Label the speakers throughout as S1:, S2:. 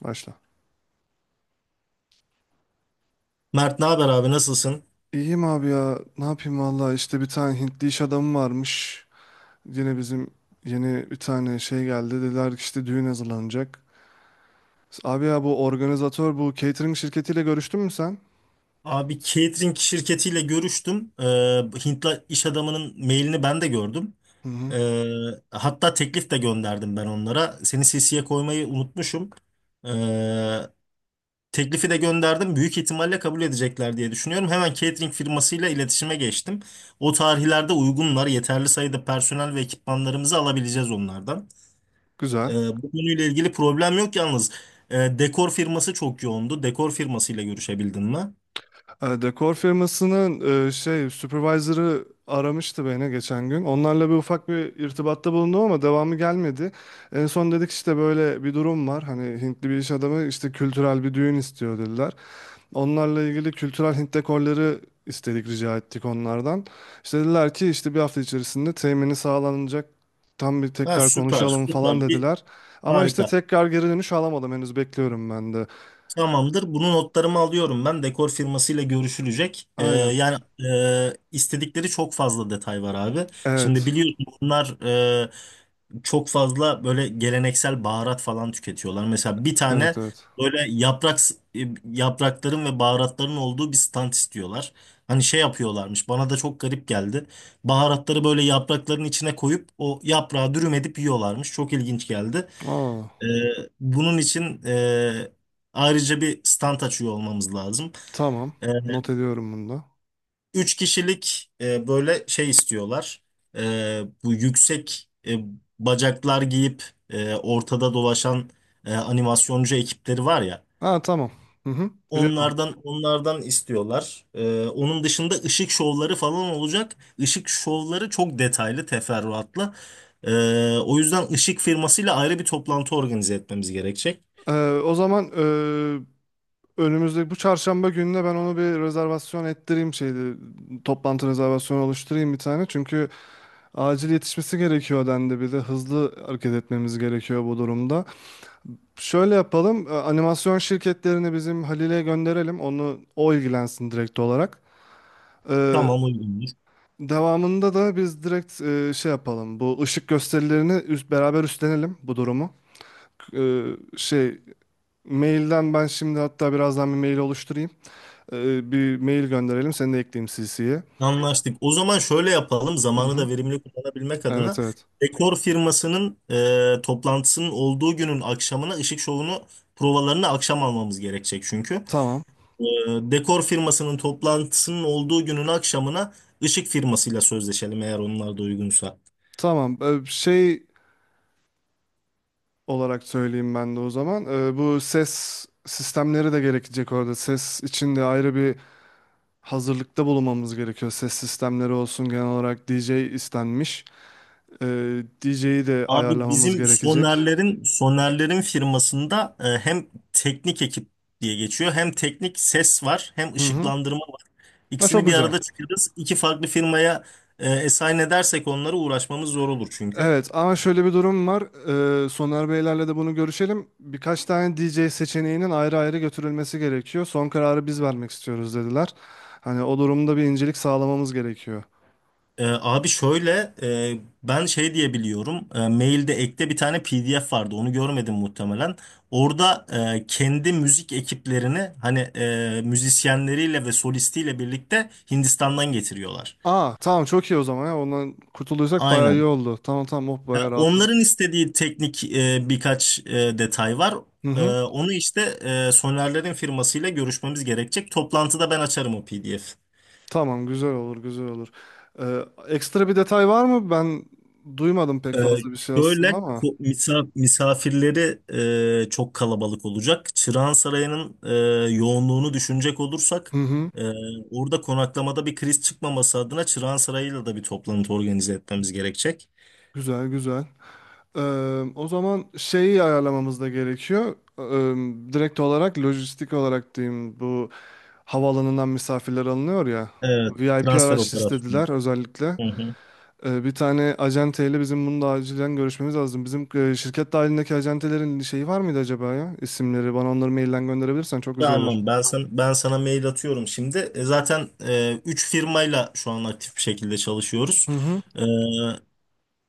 S1: Başla.
S2: Mert ne haber abi nasılsın?
S1: İyiyim abi ya. Ne yapayım valla işte bir tane Hintli iş adamı varmış. Yine bizim yeni bir tane şey geldi. Dediler ki işte düğün hazırlanacak. Abi ya bu organizatör bu catering şirketiyle görüştün mü sen?
S2: Abi catering şirketiyle görüştüm. Hintli iş adamının mailini ben de gördüm.
S1: Hı hı.
S2: Ee, hatta teklif de gönderdim ben onlara. Seni CC'ye koymayı unutmuşum. Ee, teklifi de gönderdim. Büyük ihtimalle kabul edecekler diye düşünüyorum. Hemen catering firmasıyla iletişime geçtim. O tarihlerde uygunlar. Yeterli sayıda personel ve ekipmanlarımızı alabileceğiz onlardan.
S1: Güzel.
S2: Ee, bu konuyla ilgili problem yok yalnız. Dekor firması çok yoğundu. Dekor firmasıyla görüşebildin mi?
S1: E, dekor firmasının şey supervisor'ı aramıştı beni geçen gün. Onlarla bir ufak bir irtibatta bulundum ama devamı gelmedi. En son dedik işte böyle bir durum var. Hani Hintli bir iş adamı işte kültürel bir düğün istiyor dediler. Onlarla ilgili kültürel Hint dekorları istedik, rica ettik onlardan. İşte dediler ki işte bir hafta içerisinde temini sağlanacak. Tam bir
S2: Ha,
S1: tekrar
S2: süper
S1: konuşalım falan
S2: süper bir
S1: dediler. Ama işte
S2: harika.
S1: tekrar geri dönüş alamadım. Henüz bekliyorum ben de.
S2: Tamamdır. Bunu notlarımı alıyorum ben. Dekor firmasıyla görüşülecek. Ee,
S1: Aynen.
S2: yani e, istedikleri çok fazla detay var abi. Şimdi
S1: Evet.
S2: biliyorsun bunlar çok fazla böyle geleneksel baharat falan tüketiyorlar. Mesela bir
S1: Evet
S2: tane
S1: evet.
S2: böyle yaprakların ve baharatların olduğu bir stand istiyorlar. Hani şey yapıyorlarmış. Bana da çok garip geldi. Baharatları böyle yaprakların içine koyup o yaprağı dürüm edip yiyorlarmış. Çok ilginç geldi.
S1: Aa,
S2: Ee, bunun için ayrıca bir stand açıyor olmamız lazım.
S1: tamam.
S2: Ee,
S1: Not ediyorum bunu da.
S2: üç kişilik böyle şey istiyorlar. Bu yüksek bacaklar giyip ortada dolaşan animasyoncu ekipleri var ya.
S1: Ha tamam. Hı hı. Biliyorum onu.
S2: Onlardan istiyorlar. Onun dışında ışık şovları falan olacak. Işık şovları çok detaylı teferruatlı. O yüzden ışık firmasıyla ayrı bir toplantı organize etmemiz gerekecek.
S1: O zaman önümüzdeki bu çarşamba gününe ben onu bir rezervasyon ettireyim şeydi. Toplantı rezervasyonu oluşturayım bir tane. Çünkü acil yetişmesi gerekiyor dendi, bir de hızlı hareket etmemiz gerekiyor bu durumda. Şöyle yapalım, animasyon şirketlerini bizim Halil'e gönderelim. Onu o ilgilensin direkt olarak. Ee,
S2: Tamam uygundur.
S1: devamında da biz direkt şey yapalım. Bu ışık gösterilerini beraber üstlenelim bu durumu. Ee, şey mailden ben şimdi hatta birazdan bir mail oluşturayım. Bir mail gönderelim. Seni de ekleyeyim CC'ye.
S2: Anlaştık. O zaman şöyle yapalım.
S1: Hı
S2: Zamanı
S1: hı.
S2: da verimli kullanabilmek
S1: Evet
S2: adına
S1: evet.
S2: dekor firmasının toplantısının olduğu günün akşamına ışık şovunu provalarını akşam almamız gerekecek çünkü.
S1: Tamam.
S2: E, dekor firmasının toplantısının olduğu günün akşamına ışık firmasıyla sözleşelim eğer onlar da uygunsa.
S1: Tamam. Şey olarak söyleyeyim ben de o zaman. Bu ses sistemleri de gerekecek orada. Ses için de ayrı bir hazırlıkta bulunmamız gerekiyor. Ses sistemleri olsun, genel olarak DJ istenmiş. DJ'yi de
S2: Abi
S1: ayarlamamız
S2: bizim
S1: gerekecek.
S2: Soner'lerin firmasında hem teknik ekip diye geçiyor hem teknik ses var hem
S1: Hı hı.
S2: ışıklandırma var.
S1: Ha, çok
S2: İkisini bir
S1: güzel.
S2: arada çıkarız. İki farklı firmaya assign edersek onlara uğraşmamız zor olur çünkü.
S1: Evet, ama şöyle bir durum var. Soner Beylerle de bunu görüşelim. Birkaç tane DJ seçeneğinin ayrı ayrı götürülmesi gerekiyor. Son kararı biz vermek istiyoruz dediler. Hani o durumda bir incelik sağlamamız gerekiyor.
S2: Abi şöyle ben şey diye biliyorum. Mailde ekte bir tane PDF vardı. Onu görmedim muhtemelen. Orada kendi müzik ekiplerini hani müzisyenleriyle ve solistiyle birlikte Hindistan'dan getiriyorlar.
S1: Aa, tamam, çok iyi o zaman ya. Ondan kurtulduysak bayağı iyi
S2: Aynen.
S1: oldu. Tamam, tamam, oh, bayağı rahatladık.
S2: Onların istediği teknik birkaç detay var.
S1: Hı
S2: E,
S1: hı.
S2: onu işte Soner'lerin firmasıyla görüşmemiz gerekecek. Toplantıda ben açarım o PDF.
S1: Tamam, güzel olur, güzel olur. Ekstra bir detay var mı? Ben duymadım pek
S2: E,
S1: fazla bir şey
S2: şöyle
S1: aslında ama.
S2: misafirleri çok kalabalık olacak. Çırağan Sarayı'nın yoğunluğunu düşünecek olursak
S1: Hı hı.
S2: e, orada konaklamada bir kriz çıkmaması adına Çırağan Sarayı'yla da bir toplantı organize etmemiz gerekecek.
S1: Güzel, güzel. Ee, o zaman şeyi ayarlamamız da gerekiyor. Direkt olarak lojistik olarak diyeyim, bu havaalanından misafirler alınıyor ya.
S2: Evet,
S1: VIP
S2: transfer
S1: araç
S2: operasyonu.
S1: istediler özellikle.
S2: Hı hı.
S1: Bir tane acenteyle bizim bunu da acilen görüşmemiz lazım. Bizim şirket dahilindeki acentelerin şeyi var mıydı acaba ya? İsimleri, bana onları mailden gönderebilirsen çok güzel olur.
S2: Tamam ben sana mail atıyorum şimdi. Zaten 3 firmayla şu an aktif bir şekilde çalışıyoruz.
S1: Hı hı.
S2: E,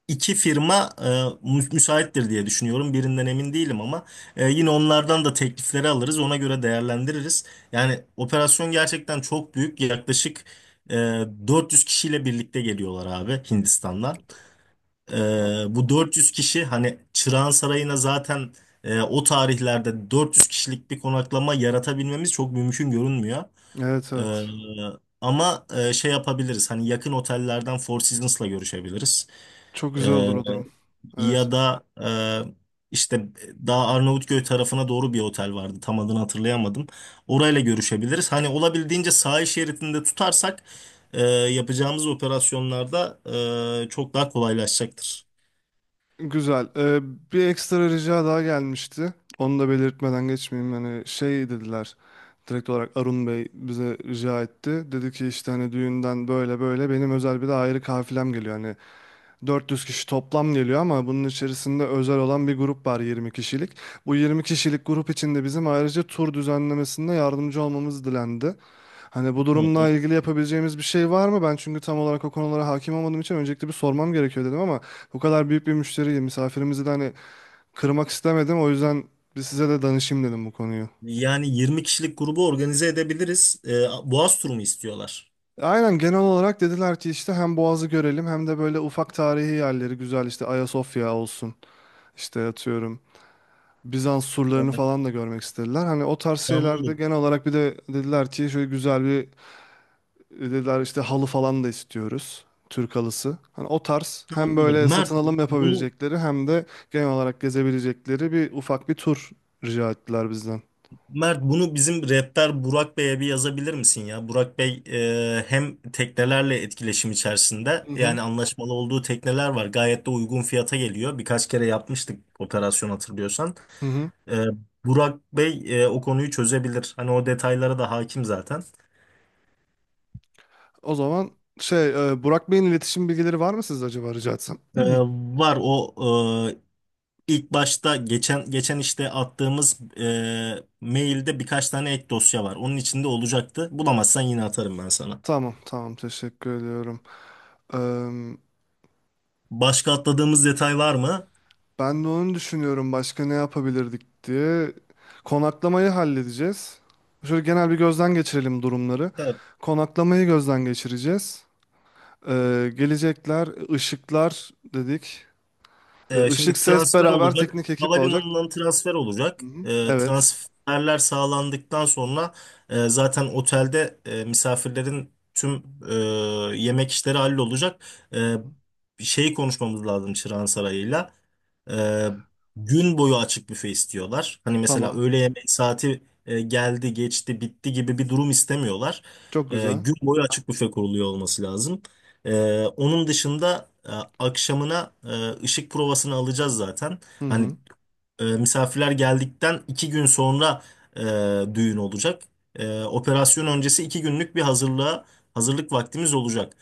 S2: iki firma müsaittir diye düşünüyorum. Birinden emin değilim ama yine onlardan da teklifleri alırız. Ona göre değerlendiririz. Yani operasyon gerçekten çok büyük. Yaklaşık e, 400 kişiyle birlikte geliyorlar abi Hindistan'dan.
S1: A-
S2: Bu 400 kişi hani Çırağan Sarayı'na zaten o tarihlerde 400 kişilik bir konaklama yaratabilmemiz çok mümkün görünmüyor.
S1: Evet,
S2: Ee,
S1: evet.
S2: ama şey yapabiliriz hani yakın otellerden Four Seasons'la görüşebiliriz.
S1: Çok güzel
S2: Ee,
S1: olur o durum. Evet.
S2: ya da işte daha Arnavutköy tarafına doğru bir otel vardı tam adını hatırlayamadım. Orayla görüşebiliriz. Hani olabildiğince sahil şeridinde tutarsak yapacağımız operasyonlarda çok daha kolaylaşacaktır.
S1: Güzel. Bir ekstra rica daha gelmişti. Onu da belirtmeden geçmeyeyim. Hani şey dediler. Direkt olarak Arun Bey bize rica etti. Dedi ki işte hani düğünden böyle böyle benim özel bir de ayrı kafilem geliyor. Hani 400 kişi toplam geliyor ama bunun içerisinde özel olan bir grup var, 20 kişilik. Bu 20 kişilik grup içinde bizim ayrıca tur düzenlemesinde yardımcı olmamız dilendi. Hani bu
S2: Hı.
S1: durumla ilgili yapabileceğimiz bir şey var mı? Ben çünkü tam olarak o konulara hakim olmadığım için öncelikle bir sormam gerekiyor dedim ama bu kadar büyük bir müşteriyi, misafirimizi de hani kırmak istemedim. O yüzden bir size de danışayım dedim bu konuyu.
S2: Yani 20 kişilik grubu organize edebiliriz. Boğaz turu mu istiyorlar?
S1: Aynen, genel olarak dediler ki işte hem Boğaz'ı görelim hem de böyle ufak tarihi yerleri, güzel işte, Ayasofya olsun, işte atıyorum Bizans surlarını
S2: Evet.
S1: falan da görmek istediler. Hani o tarz şeylerde
S2: Tamamdır.
S1: genel olarak, bir de dediler ki şöyle güzel bir, dediler işte halı falan da istiyoruz. Türk halısı. Hani o tarz, hem
S2: Tamamdır.
S1: böyle satın alım
S2: Bunu
S1: yapabilecekleri hem de genel olarak gezebilecekleri bir ufak bir tur rica ettiler bizden.
S2: Mert bunu bizim rehber Burak Bey'e bir yazabilir misin ya? Burak Bey hem teknelerle etkileşim içerisinde
S1: Hı hı.
S2: yani anlaşmalı olduğu tekneler var. Gayet de uygun fiyata geliyor. Birkaç kere yapmıştık operasyon hatırlıyorsan.
S1: Hı hı.
S2: Ee, Burak Bey o konuyu çözebilir. Hani o detaylara da hakim zaten.
S1: O zaman şey, Burak Bey'in iletişim bilgileri var mı sizde acaba, rica etsem? Hı.
S2: Ee, var o e, İlk başta geçen işte attığımız mailde birkaç tane ek dosya var. Onun içinde olacaktı. Bulamazsan yine atarım ben sana.
S1: Tamam, tamam, teşekkür ediyorum.
S2: Başka atladığımız detay var mı?
S1: Ben de onu düşünüyorum, başka ne yapabilirdik diye. Konaklamayı halledeceğiz. Şöyle genel bir gözden geçirelim durumları.
S2: Evet.
S1: Konaklamayı gözden geçireceğiz. Gelecekler, ışıklar dedik.
S2: E,
S1: Işık,
S2: şimdi
S1: ses
S2: transfer
S1: beraber
S2: olacak.
S1: teknik ekip olacak.
S2: Havalimanından transfer
S1: Hı
S2: olacak.
S1: hı.
S2: E,
S1: Evet,
S2: transferler sağlandıktan sonra zaten otelde misafirlerin tüm e, yemek işleri hallolacak. E, şeyi konuşmamız lazım Çırağan Sarayı'yla. Ee, gün boyu açık büfe istiyorlar. Hani mesela
S1: tamam.
S2: öğle yemeği saati geldi, geçti, bitti gibi bir durum istemiyorlar.
S1: Çok
S2: Ee,
S1: güzel.
S2: gün boyu açık büfe kuruluyor olması lazım. Onun dışında akşamına ışık provasını alacağız zaten.
S1: Hı
S2: Hani
S1: hı.
S2: misafirler geldikten 2 gün sonra düğün olacak. Operasyon öncesi 2 günlük bir hazırlık vaktimiz olacak.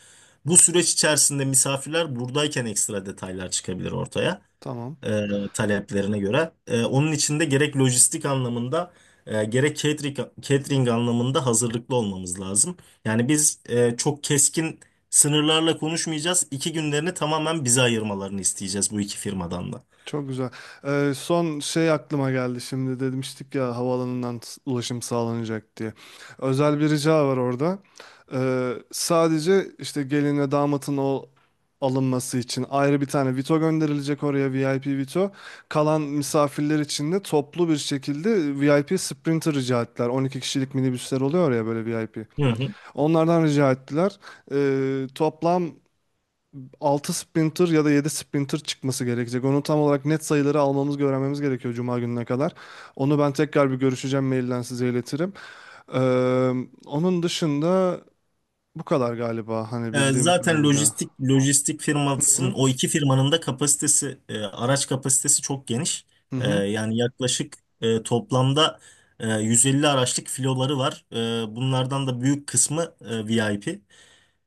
S2: Bu süreç içerisinde misafirler buradayken ekstra detaylar çıkabilir ortaya
S1: Tamam.
S2: e, taleplerine göre. Onun için de gerek lojistik anlamında gerek catering anlamında hazırlıklı olmamız lazım. Yani biz çok keskin sınırlarla konuşmayacağız. 2 günlerini tamamen bize ayırmalarını isteyeceğiz bu iki firmadan da.
S1: Çok güzel. Son şey aklıma geldi şimdi, demiştik ya havaalanından ulaşım sağlanacak diye. Özel bir rica var orada. Sadece işte gelin ve damatın o alınması için ayrı bir tane Vito gönderilecek oraya, VIP Vito. Kalan misafirler için de toplu bir şekilde VIP Sprinter rica ettiler. 12 kişilik minibüsler oluyor ya böyle, VIP.
S2: Hı hı.
S1: Onlardan rica ettiler. Toplam altı sprinter ya da 7 sprinter çıkması gerekecek. Onu tam olarak, net sayıları almamız, öğrenmemiz gerekiyor Cuma gününe kadar. Onu ben tekrar bir görüşeceğim, mailden size iletirim. Ee, onun dışında bu kadar galiba, hani
S2: E,
S1: bildiğim
S2: zaten
S1: kadarıyla.
S2: lojistik lojistik
S1: Hı
S2: firmasının
S1: hı.
S2: o iki firmanın da kapasitesi araç kapasitesi çok geniş.
S1: Hı
S2: E,
S1: hı.
S2: yani yaklaşık toplamda 150 araçlık filoları var. Bunlardan da büyük kısmı VIP.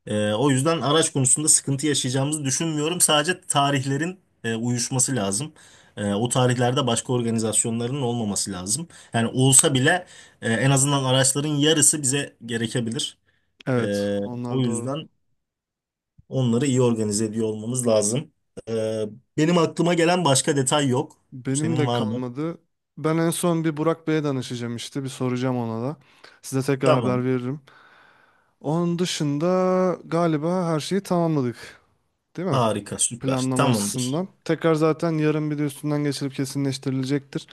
S2: O yüzden araç konusunda sıkıntı yaşayacağımızı düşünmüyorum. Sadece tarihlerin uyuşması lazım. O tarihlerde başka organizasyonların olmaması lazım. Yani olsa bile en azından araçların yarısı bize gerekebilir.
S1: Evet,
S2: E, o
S1: onlar doğru.
S2: yüzden onları iyi organize ediyor olmamız lazım. E, benim aklıma gelen başka detay yok.
S1: Benim
S2: Senin
S1: de
S2: var mı?
S1: kalmadı. Ben en son bir Burak Bey'e danışacağım işte. Bir soracağım ona da. Size tekrar haber
S2: Tamam.
S1: veririm. Onun dışında galiba her şeyi tamamladık. Değil mi?
S2: Harika, süper.
S1: Planlama
S2: Tamamdır.
S1: açısından. Tekrar zaten yarın bir de üstünden geçilip kesinleştirilecektir.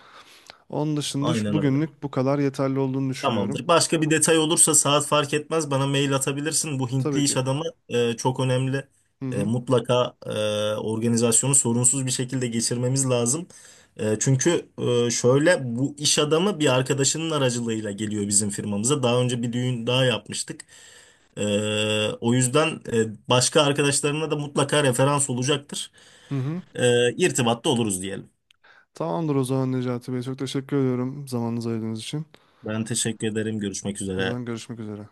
S1: Onun dışında
S2: Aynen öyle.
S1: bugünlük bu kadar yeterli olduğunu düşünüyorum.
S2: Tamamdır. Başka bir detay olursa saat fark etmez bana mail atabilirsin. Bu
S1: Tabii
S2: Hintli
S1: ki.
S2: iş adamı çok önemli.
S1: Hı
S2: E,
S1: hı.
S2: mutlaka e, organizasyonu sorunsuz bir şekilde geçirmemiz lazım. Çünkü şöyle bu iş adamı bir arkadaşının aracılığıyla geliyor bizim firmamıza. Daha önce bir düğün daha yapmıştık. O yüzden başka arkadaşlarına da mutlaka referans olacaktır.
S1: Hı hı.
S2: E, irtibatta oluruz diyelim.
S1: Tamamdır o zaman Necati Bey. Çok teşekkür ediyorum zamanınızı ayırdığınız için.
S2: Ben teşekkür ederim. Görüşmek
S1: O
S2: üzere.
S1: zaman görüşmek üzere.